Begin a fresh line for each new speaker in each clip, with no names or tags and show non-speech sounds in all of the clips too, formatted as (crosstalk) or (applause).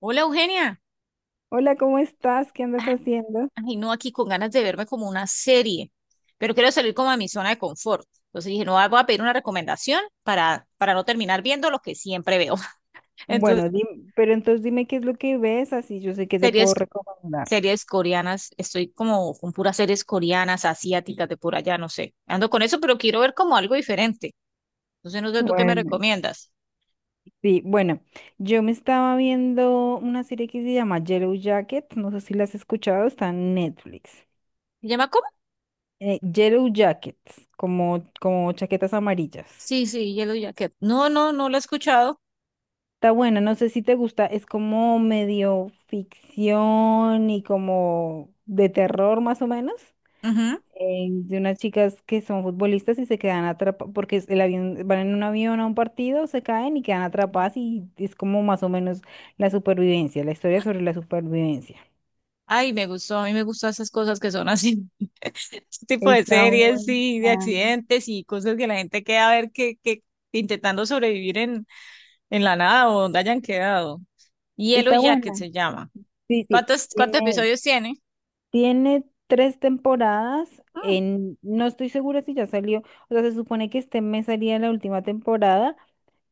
Hola, Eugenia.
Hola, ¿cómo estás? ¿Qué andas
Ah.
haciendo?
Ay, no, aquí con ganas de verme como una serie, pero quiero salir como a mi zona de confort. Entonces dije, no, ah, voy a pedir una recomendación para, no terminar viendo lo que siempre veo. (laughs)
Bueno,
Entonces,
pero entonces dime qué es lo que ves, así yo sé qué te puedo
series,
recomendar.
series coreanas, estoy como con puras series coreanas, asiáticas, de por allá, no sé. Ando con eso, pero quiero ver como algo diferente. Entonces, no sé tú qué me
Bueno,
recomiendas.
sí, bueno, yo me estaba viendo una serie que se llama Yellow Jacket, no sé si la has escuchado, está en Netflix.
¿Se llama cómo?
Yellow Jackets, como, como chaquetas amarillas.
Sí, sí, Yellow Jacket. No, no, no lo he escuchado.
Está buena, no sé si te gusta, es como medio ficción y como de terror más o menos.
Ujú.
De unas chicas que son futbolistas y se quedan atrapadas, porque el avión, van en un avión a un partido, se caen y quedan atrapadas y es como más o menos la supervivencia, la historia sobre la supervivencia.
Ay, me gustó, a mí me gustan esas cosas que son así, (laughs) ese tipo de
Está
series
buena.
y de accidentes y cosas que la gente queda a ver que, intentando sobrevivir en, la nada o donde hayan quedado. Yellow
Está
Jacket
buena.
se llama.
Sí, sí.
¿Cuántos, episodios tiene?
Tiene tres temporadas. En, no estoy segura si ya salió, o sea, se supone que este mes salía la última temporada,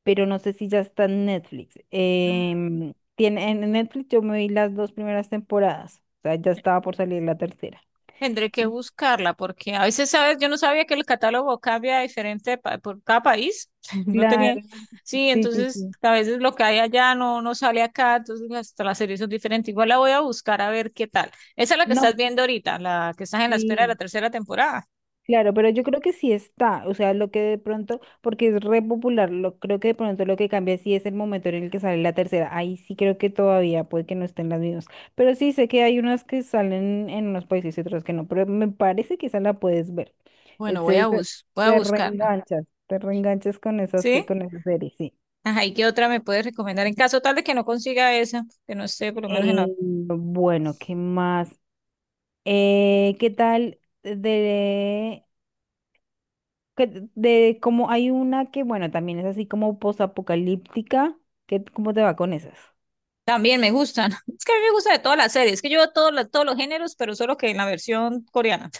pero no sé si ya está en Netflix.
Mm.
Tiene, en Netflix yo me vi las dos primeras temporadas, o sea, ya estaba por salir la tercera.
Tendré que
Y
buscarla porque a veces, ¿sabes? Yo no sabía que el catálogo cambia diferente por cada país. (laughs) No tenía.
Claro,
Sí,
sí, sí,
entonces
sí.
a veces lo que hay allá no, no sale acá, entonces hasta las series son diferentes. Igual la voy a buscar a ver qué tal. Esa es la que estás
No,
viendo ahorita, la que estás en la espera de la
sí.
tercera temporada.
Claro, pero yo creo que sí está, o sea, lo que de pronto, porque es re popular, creo que de pronto lo que cambia sí es el momento en el que sale la tercera, ahí sí creo que todavía puede que no estén las mismas, pero sí sé que hay unas que salen en unos países y otras que no, pero me parece que esa la puedes ver,
Bueno,
entonces
voy a buscarla.
te reenganchas
¿Sí?
con esas series, sí.
Ajá, ¿y qué otra me puedes recomendar? En caso tal de que no consiga esa, que no esté por lo menos en la...
Bueno, ¿qué más? ¿Qué tal de como hay una que, bueno, también es así como posapocalíptica, que ¿cómo te va con esas?
También me gustan. (laughs) Es que a mí me gusta de todas las series, que yo veo todos los géneros, pero solo que en la versión coreana.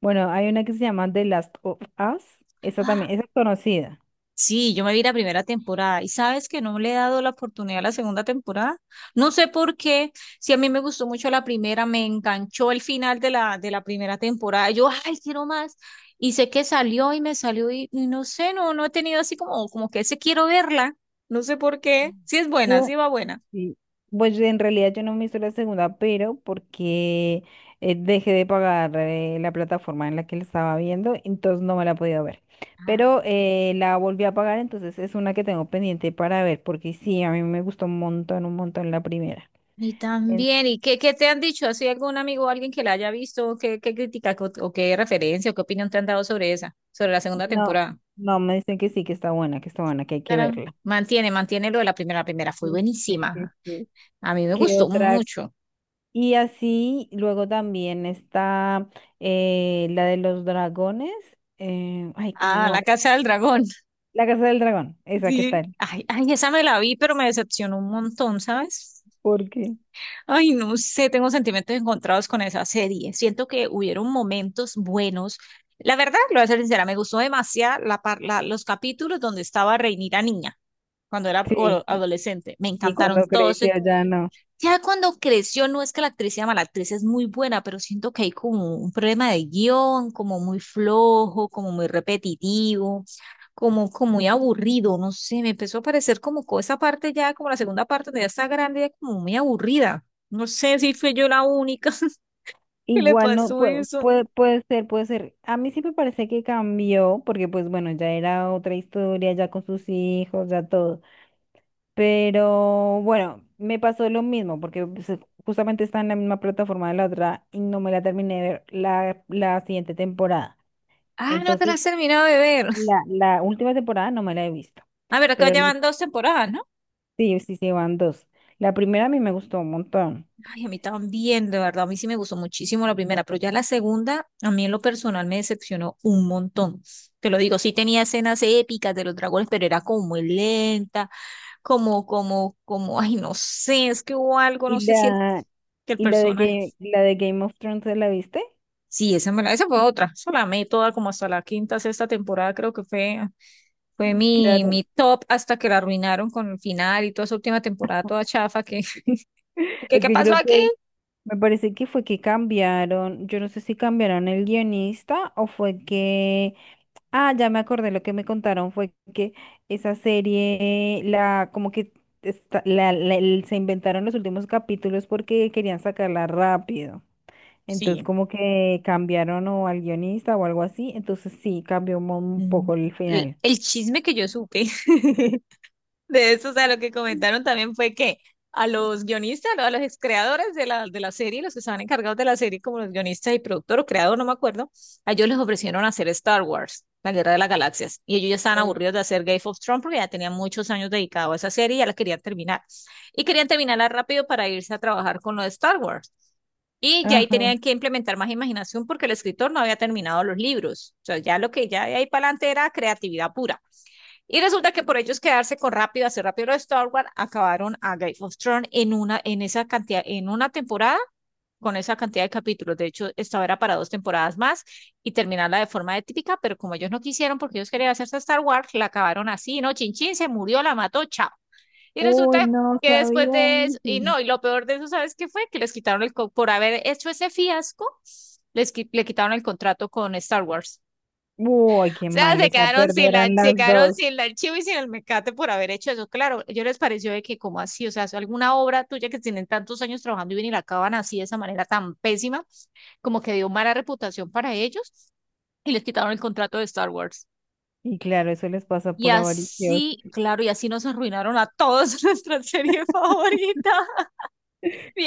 Bueno, hay una que se llama The Last of Us, esa
Ah,
también, esa es conocida.
sí, yo me vi la primera temporada y sabes que no le he dado la oportunidad a la segunda temporada. No sé por qué, si a mí me gustó mucho la primera, me enganchó el final de la, primera temporada. Yo, ay, quiero más. Y sé que salió y me salió y no sé, no, no he tenido así como, que ese quiero verla. No sé por qué.
Mm.
Sí es buena,
Yo,
sí va buena.
sí. Pues en realidad yo no me hice la segunda, pero porque dejé de pagar la plataforma en la que la estaba viendo, entonces no me la he podido ver.
Ah.
Pero la volví a pagar, entonces es una que tengo pendiente para ver, porque sí, a mí me gustó un montón la primera.
Y también, ¿y qué, te han dicho? ¿Así algún amigo o alguien que la haya visto? ¿Qué, crítica o qué referencia o qué opinión te han dado sobre esa, sobre la segunda
No,
temporada?
no, me dicen que sí, que está buena, que está buena, que hay que
Claro,
verla.
mantiene lo de la primera. La primera
Sí,
fue
sí, sí,
buenísima.
sí.
A mí me
¿Qué
gustó
otra?
mucho.
Y así luego también está la de los dragones. Ay, como no
Ah,
me
La
acuerdo.
Casa del Dragón. (laughs)
La Casa del Dragón, esa, ¿qué
Sí.
tal?
Ay, ay, esa me la vi, pero me decepcionó un montón, ¿sabes?
Porque
Ay, no sé, tengo sentimientos encontrados con esa serie. Siento que hubieron momentos buenos. La verdad, lo voy a ser sincera, me gustó demasiado los capítulos donde estaba Rhaenyra niña, cuando era
sí,
adolescente. Me
y
encantaron
cuando
todos.
creció ya no.
Ya cuando creció, no es que la actriz sea mala, la actriz es muy buena, pero siento que hay como un problema de guión, como muy flojo, como muy repetitivo, como muy aburrido, no sé, me empezó a parecer como esa parte ya, como la segunda parte donde ya está grande, ya como muy aburrida. No sé si fui yo la única (laughs) que le
Igual no,
pasó
puede,
eso.
puede, puede ser, puede ser. A mí sí me parece que cambió, porque pues bueno, ya era otra historia, ya con sus hijos, ya todo. Pero bueno, me pasó lo mismo porque pues, justamente está en la misma plataforma de la otra y no me la terminé de ver la siguiente temporada.
Ah, no te la
Entonces,
has terminado de ver.
la última temporada no me la he visto,
A ver, acá
pero
ya van dos temporadas, ¿no?
sí, sí, sí, van dos. La primera a mí me gustó un montón.
Ay, a mí también, de verdad, a mí sí me gustó muchísimo la primera, pero ya la segunda, a mí en lo personal me decepcionó un montón. Te lo digo, sí tenía escenas épicas de los dragones, pero era como muy lenta, ay, no sé, es que hubo algo, no
¿Y
sé si el,
la,
que el
y
personaje.
La de Game of Thrones, ¿te la viste?
Sí, esa, esa fue otra, esa la amé toda como hasta la quinta, sexta temporada, creo que fue
Claro.
mi top hasta que la arruinaron con el final y toda esa última temporada toda chafa que, (laughs)
(laughs)
que,
Es
¿qué
que
pasó
creo
aquí?
que me parece que fue que cambiaron, yo no sé si cambiaron el guionista o fue que Ah, ya me acordé, lo que me contaron fue que esa serie, la, como que se inventaron los últimos capítulos porque querían sacarla rápido. Entonces
Sí.
como que cambiaron o al guionista o algo así, entonces sí, cambió un
Mm,
poco el final.
el chisme que yo supe (laughs) de eso, o sea, lo que comentaron también fue que a los guionistas, ¿no? A los creadores de la, serie, los que estaban encargados de la serie, como los guionistas y productor o creador, no me acuerdo, a ellos les ofrecieron hacer Star Wars, La Guerra de las Galaxias, y ellos ya estaban
Eh,
aburridos de hacer Game of Thrones porque ya tenían muchos años dedicados a esa serie y ya la querían terminar. Y querían terminarla rápido para irse a trabajar con lo de Star Wars. Y ya ahí
Ajá.
tenían que implementar más imaginación porque el escritor no había terminado los libros. O sea, ya lo que ya de ahí para adelante era creatividad pura. Y resulta que por ellos quedarse con rápido, hacer rápido de Star Wars, acabaron a Game of Thrones en una, en esa cantidad, en una temporada con esa cantidad de capítulos. De hecho, esta era para dos temporadas más y terminarla de forma típica, pero como ellos no quisieron, porque ellos querían hacerse Star Wars, la acabaron así, ¿no? Chin Chin se murió, la mató, chao. Y resulta
Uy, no
que después
sabía
de eso, y
eso.
no, y lo peor de eso, ¿sabes qué fue? Que les quitaron el, por haber hecho ese fiasco, le quitaron el contrato con Star Wars
Uy, qué
sea,
mal, o sea, perdieron
se
las
quedaron
dos.
sin la archivo y sin el mecate por haber hecho eso. Claro, yo les pareció de que, ¿como así? O sea, alguna obra tuya que tienen tantos años trabajando y ven y la acaban así de esa manera tan pésima, como que dio mala reputación para ellos y les quitaron el contrato de Star Wars.
Y claro, eso les pasa
Y
por avariciosos.
así, claro, y así nos arruinaron a todos (laughs) nuestra serie
(laughs)
favorita.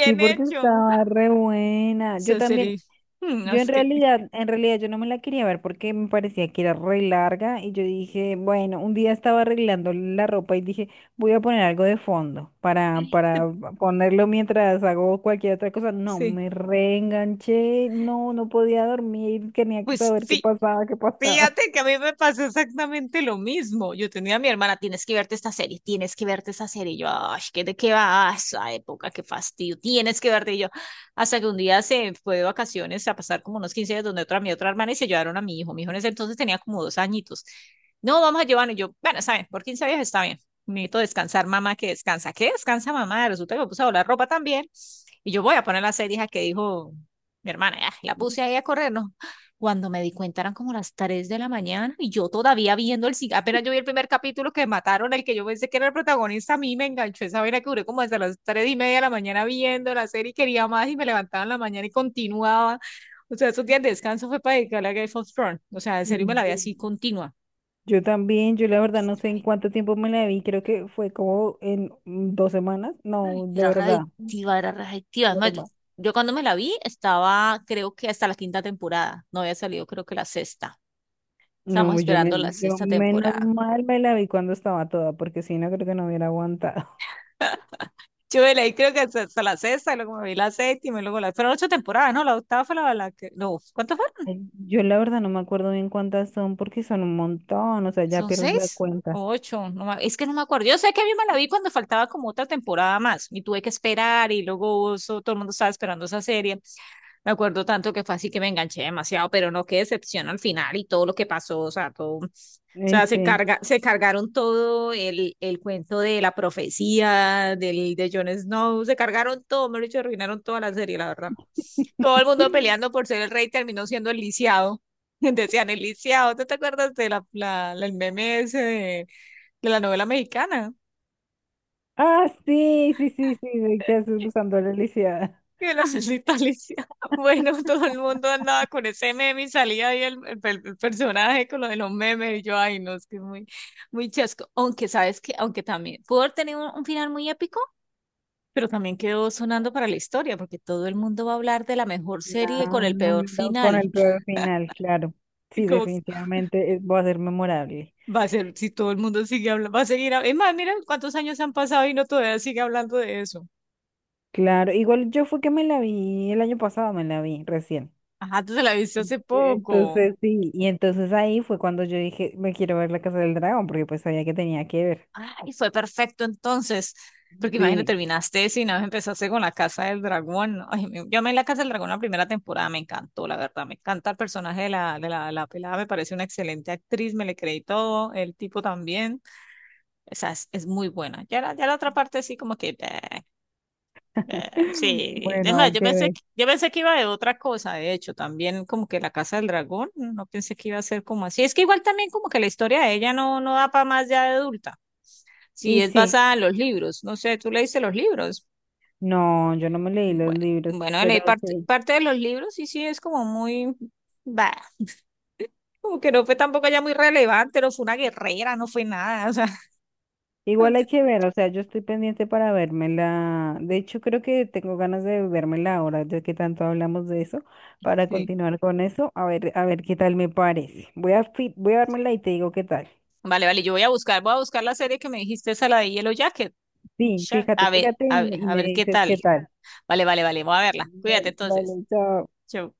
Sí, porque
hecho.
estaba re buena. Yo
Esa
también,
serie. mm,
yo
es que-
en realidad yo no me la quería ver porque me parecía que era re larga y yo dije, bueno, un día estaba arreglando la ropa y dije, voy a poner algo de fondo
Ay.
para ponerlo mientras hago cualquier otra cosa. No,
Sí.
me reenganché, no, no podía dormir, tenía que
Pues
saber qué
sí,
pasaba, qué pasaba.
fíjate que a mí me pasó exactamente lo mismo. Yo tenía a mi hermana, tienes que verte esta serie, tienes que verte esta serie. Y yo, ay, ¿de qué va a esa época? Qué fastidio, tienes que verte. Y yo, hasta que un día se fue de vacaciones a pasar como unos 15 días donde otra, mi otra hermana, y se llevaron a mi hijo. Mi hijo en ese entonces tenía como 2 añitos. No, vamos a llevarlo. Y yo, bueno, saben, por 15 días está bien. Necesito descansar, mamá, que descansa. ¿Qué descansa, mamá? Resulta que me puse a doblar ropa también. Y yo voy a poner la serie hija, que dijo mi hermana, ah, la puse ahí a correr, ¿no? Cuando me di cuenta eran como las 3 de la mañana y yo todavía viendo el cine, apenas yo vi el primer capítulo que mataron, el que yo pensé que era el protagonista, a mí me enganchó esa vaina que duré como hasta las 3 y media de la mañana viendo la serie, quería más y me levantaba en la mañana y continuaba. O sea, esos días de descanso fue para dedicarle a Game of Thrones. O sea, en serio me la vi así
Mm.
continua.
Yo también, yo la verdad no sé en cuánto tiempo me la vi, creo que fue como en dos semanas,
Ay,
no, de
era
verdad.
readictiva, era readictiva. Además, yo, cuando me la vi estaba, creo que hasta la quinta temporada. No había salido, creo que la sexta. Estamos
No,
esperando la
yo
sexta
menos
temporada.
mal me la vi cuando estaba toda, porque si no creo que no hubiera aguantado.
Yo de ahí creo que hasta la sexta, luego me vi la séptima, y luego la... Fueron ocho temporadas, ¿no? La octava fue la que... No, ¿cuántas?
(laughs) Ay, yo la verdad no me acuerdo bien cuántas son, porque son un montón, o sea, ya
¿Son
pierdes la
seis?
cuenta.
O ocho, es que no me acuerdo. Yo sé que a mí me la vi cuando faltaba como otra temporada más y tuve que esperar y luego eso, todo el mundo estaba esperando esa serie. Me acuerdo tanto que fue así que me enganché demasiado, pero no, qué decepción al final y todo lo que pasó, o sea, todo, o sea,
Este.
se cargaron el cuento de la profecía del, de Jon Snow, se cargaron todo, me lo dicho arruinaron toda la serie, la verdad. Todo el mundo peleando
(laughs)
por ser el rey terminó siendo el lisiado. (laughs) Decían el lisiado, ¿tú te acuerdas de el meme ese de la novela mexicana?
Ah, sí, sí, sí, sí, de que haces usando la lisiada.
Que de la salsita lisiado. (laughs) Bueno, todo el mundo andaba con ese meme y salía ahí el personaje con lo de los memes. Y yo, ay, no, es que es muy, muy chasco. Aunque, ¿sabes que Aunque también pudo haber tenido un, final muy épico, pero también quedó sonando para la historia, porque todo el mundo va a hablar de la mejor serie con el peor
Claro, con
final.
el peor final, claro.
(laughs) Y
Sí,
como
definitivamente va a ser memorable.
va a ser, si todo el mundo sigue hablando, va a seguir. Es más, mira cuántos años han pasado y no todavía sigue hablando de eso.
Claro, igual yo fue que me la vi el año pasado, me la vi recién.
Ajá, tú te la viste hace poco.
Entonces, sí, y entonces ahí fue cuando yo dije, me quiero ver La Casa del Dragón, porque pues sabía que tenía que ver.
Ay, fue perfecto entonces. Porque imagínate,
Sí.
terminaste si nada más empezaste con La Casa del Dragón. Ay, yo amé La Casa del Dragón la primera temporada, me encantó, la verdad. Me encanta el personaje de la pelada, me parece una excelente actriz, me le creí todo, el tipo también. O sea, es muy buena. Ya la otra parte sí como que... bleh. Eh,
(laughs)
sí,
Bueno,
además,
hay que ver.
yo pensé que iba de otra cosa, de hecho, también como que la Casa del Dragón, no pensé que iba a ser como así. Es que igual también como que la historia de ella no, no da para más ya de adulta. Si
Y
es
sí,
basada en los libros, no sé, tú leíste los libros.
no, yo no me leí los
Bueno,
libros,
bueno, leí
pero sí.
parte de los libros y sí es como muy, bah, como que no fue tampoco ya muy relevante, no fue una guerrera, no fue nada, o sea,
Igual hay
(laughs)
que ver, o sea, yo estoy pendiente para vérmela. De hecho, creo que tengo ganas de vérmela ahora, ya que tanto hablamos de eso, para
sí.
continuar con eso, a ver qué tal me parece. Voy a, voy a vérmela y te digo qué tal.
Vale, vale, yo voy a buscar la serie que me dijiste, esa la de Yellow Jacket.
Sí, fíjate,
A ver,
fíjate
a ver,
y
a
me
ver qué
dices qué
tal.
tal.
Vale, vale, vale. Voy a verla. Cuídate
Vale,
entonces.
vale, chao.
Chau.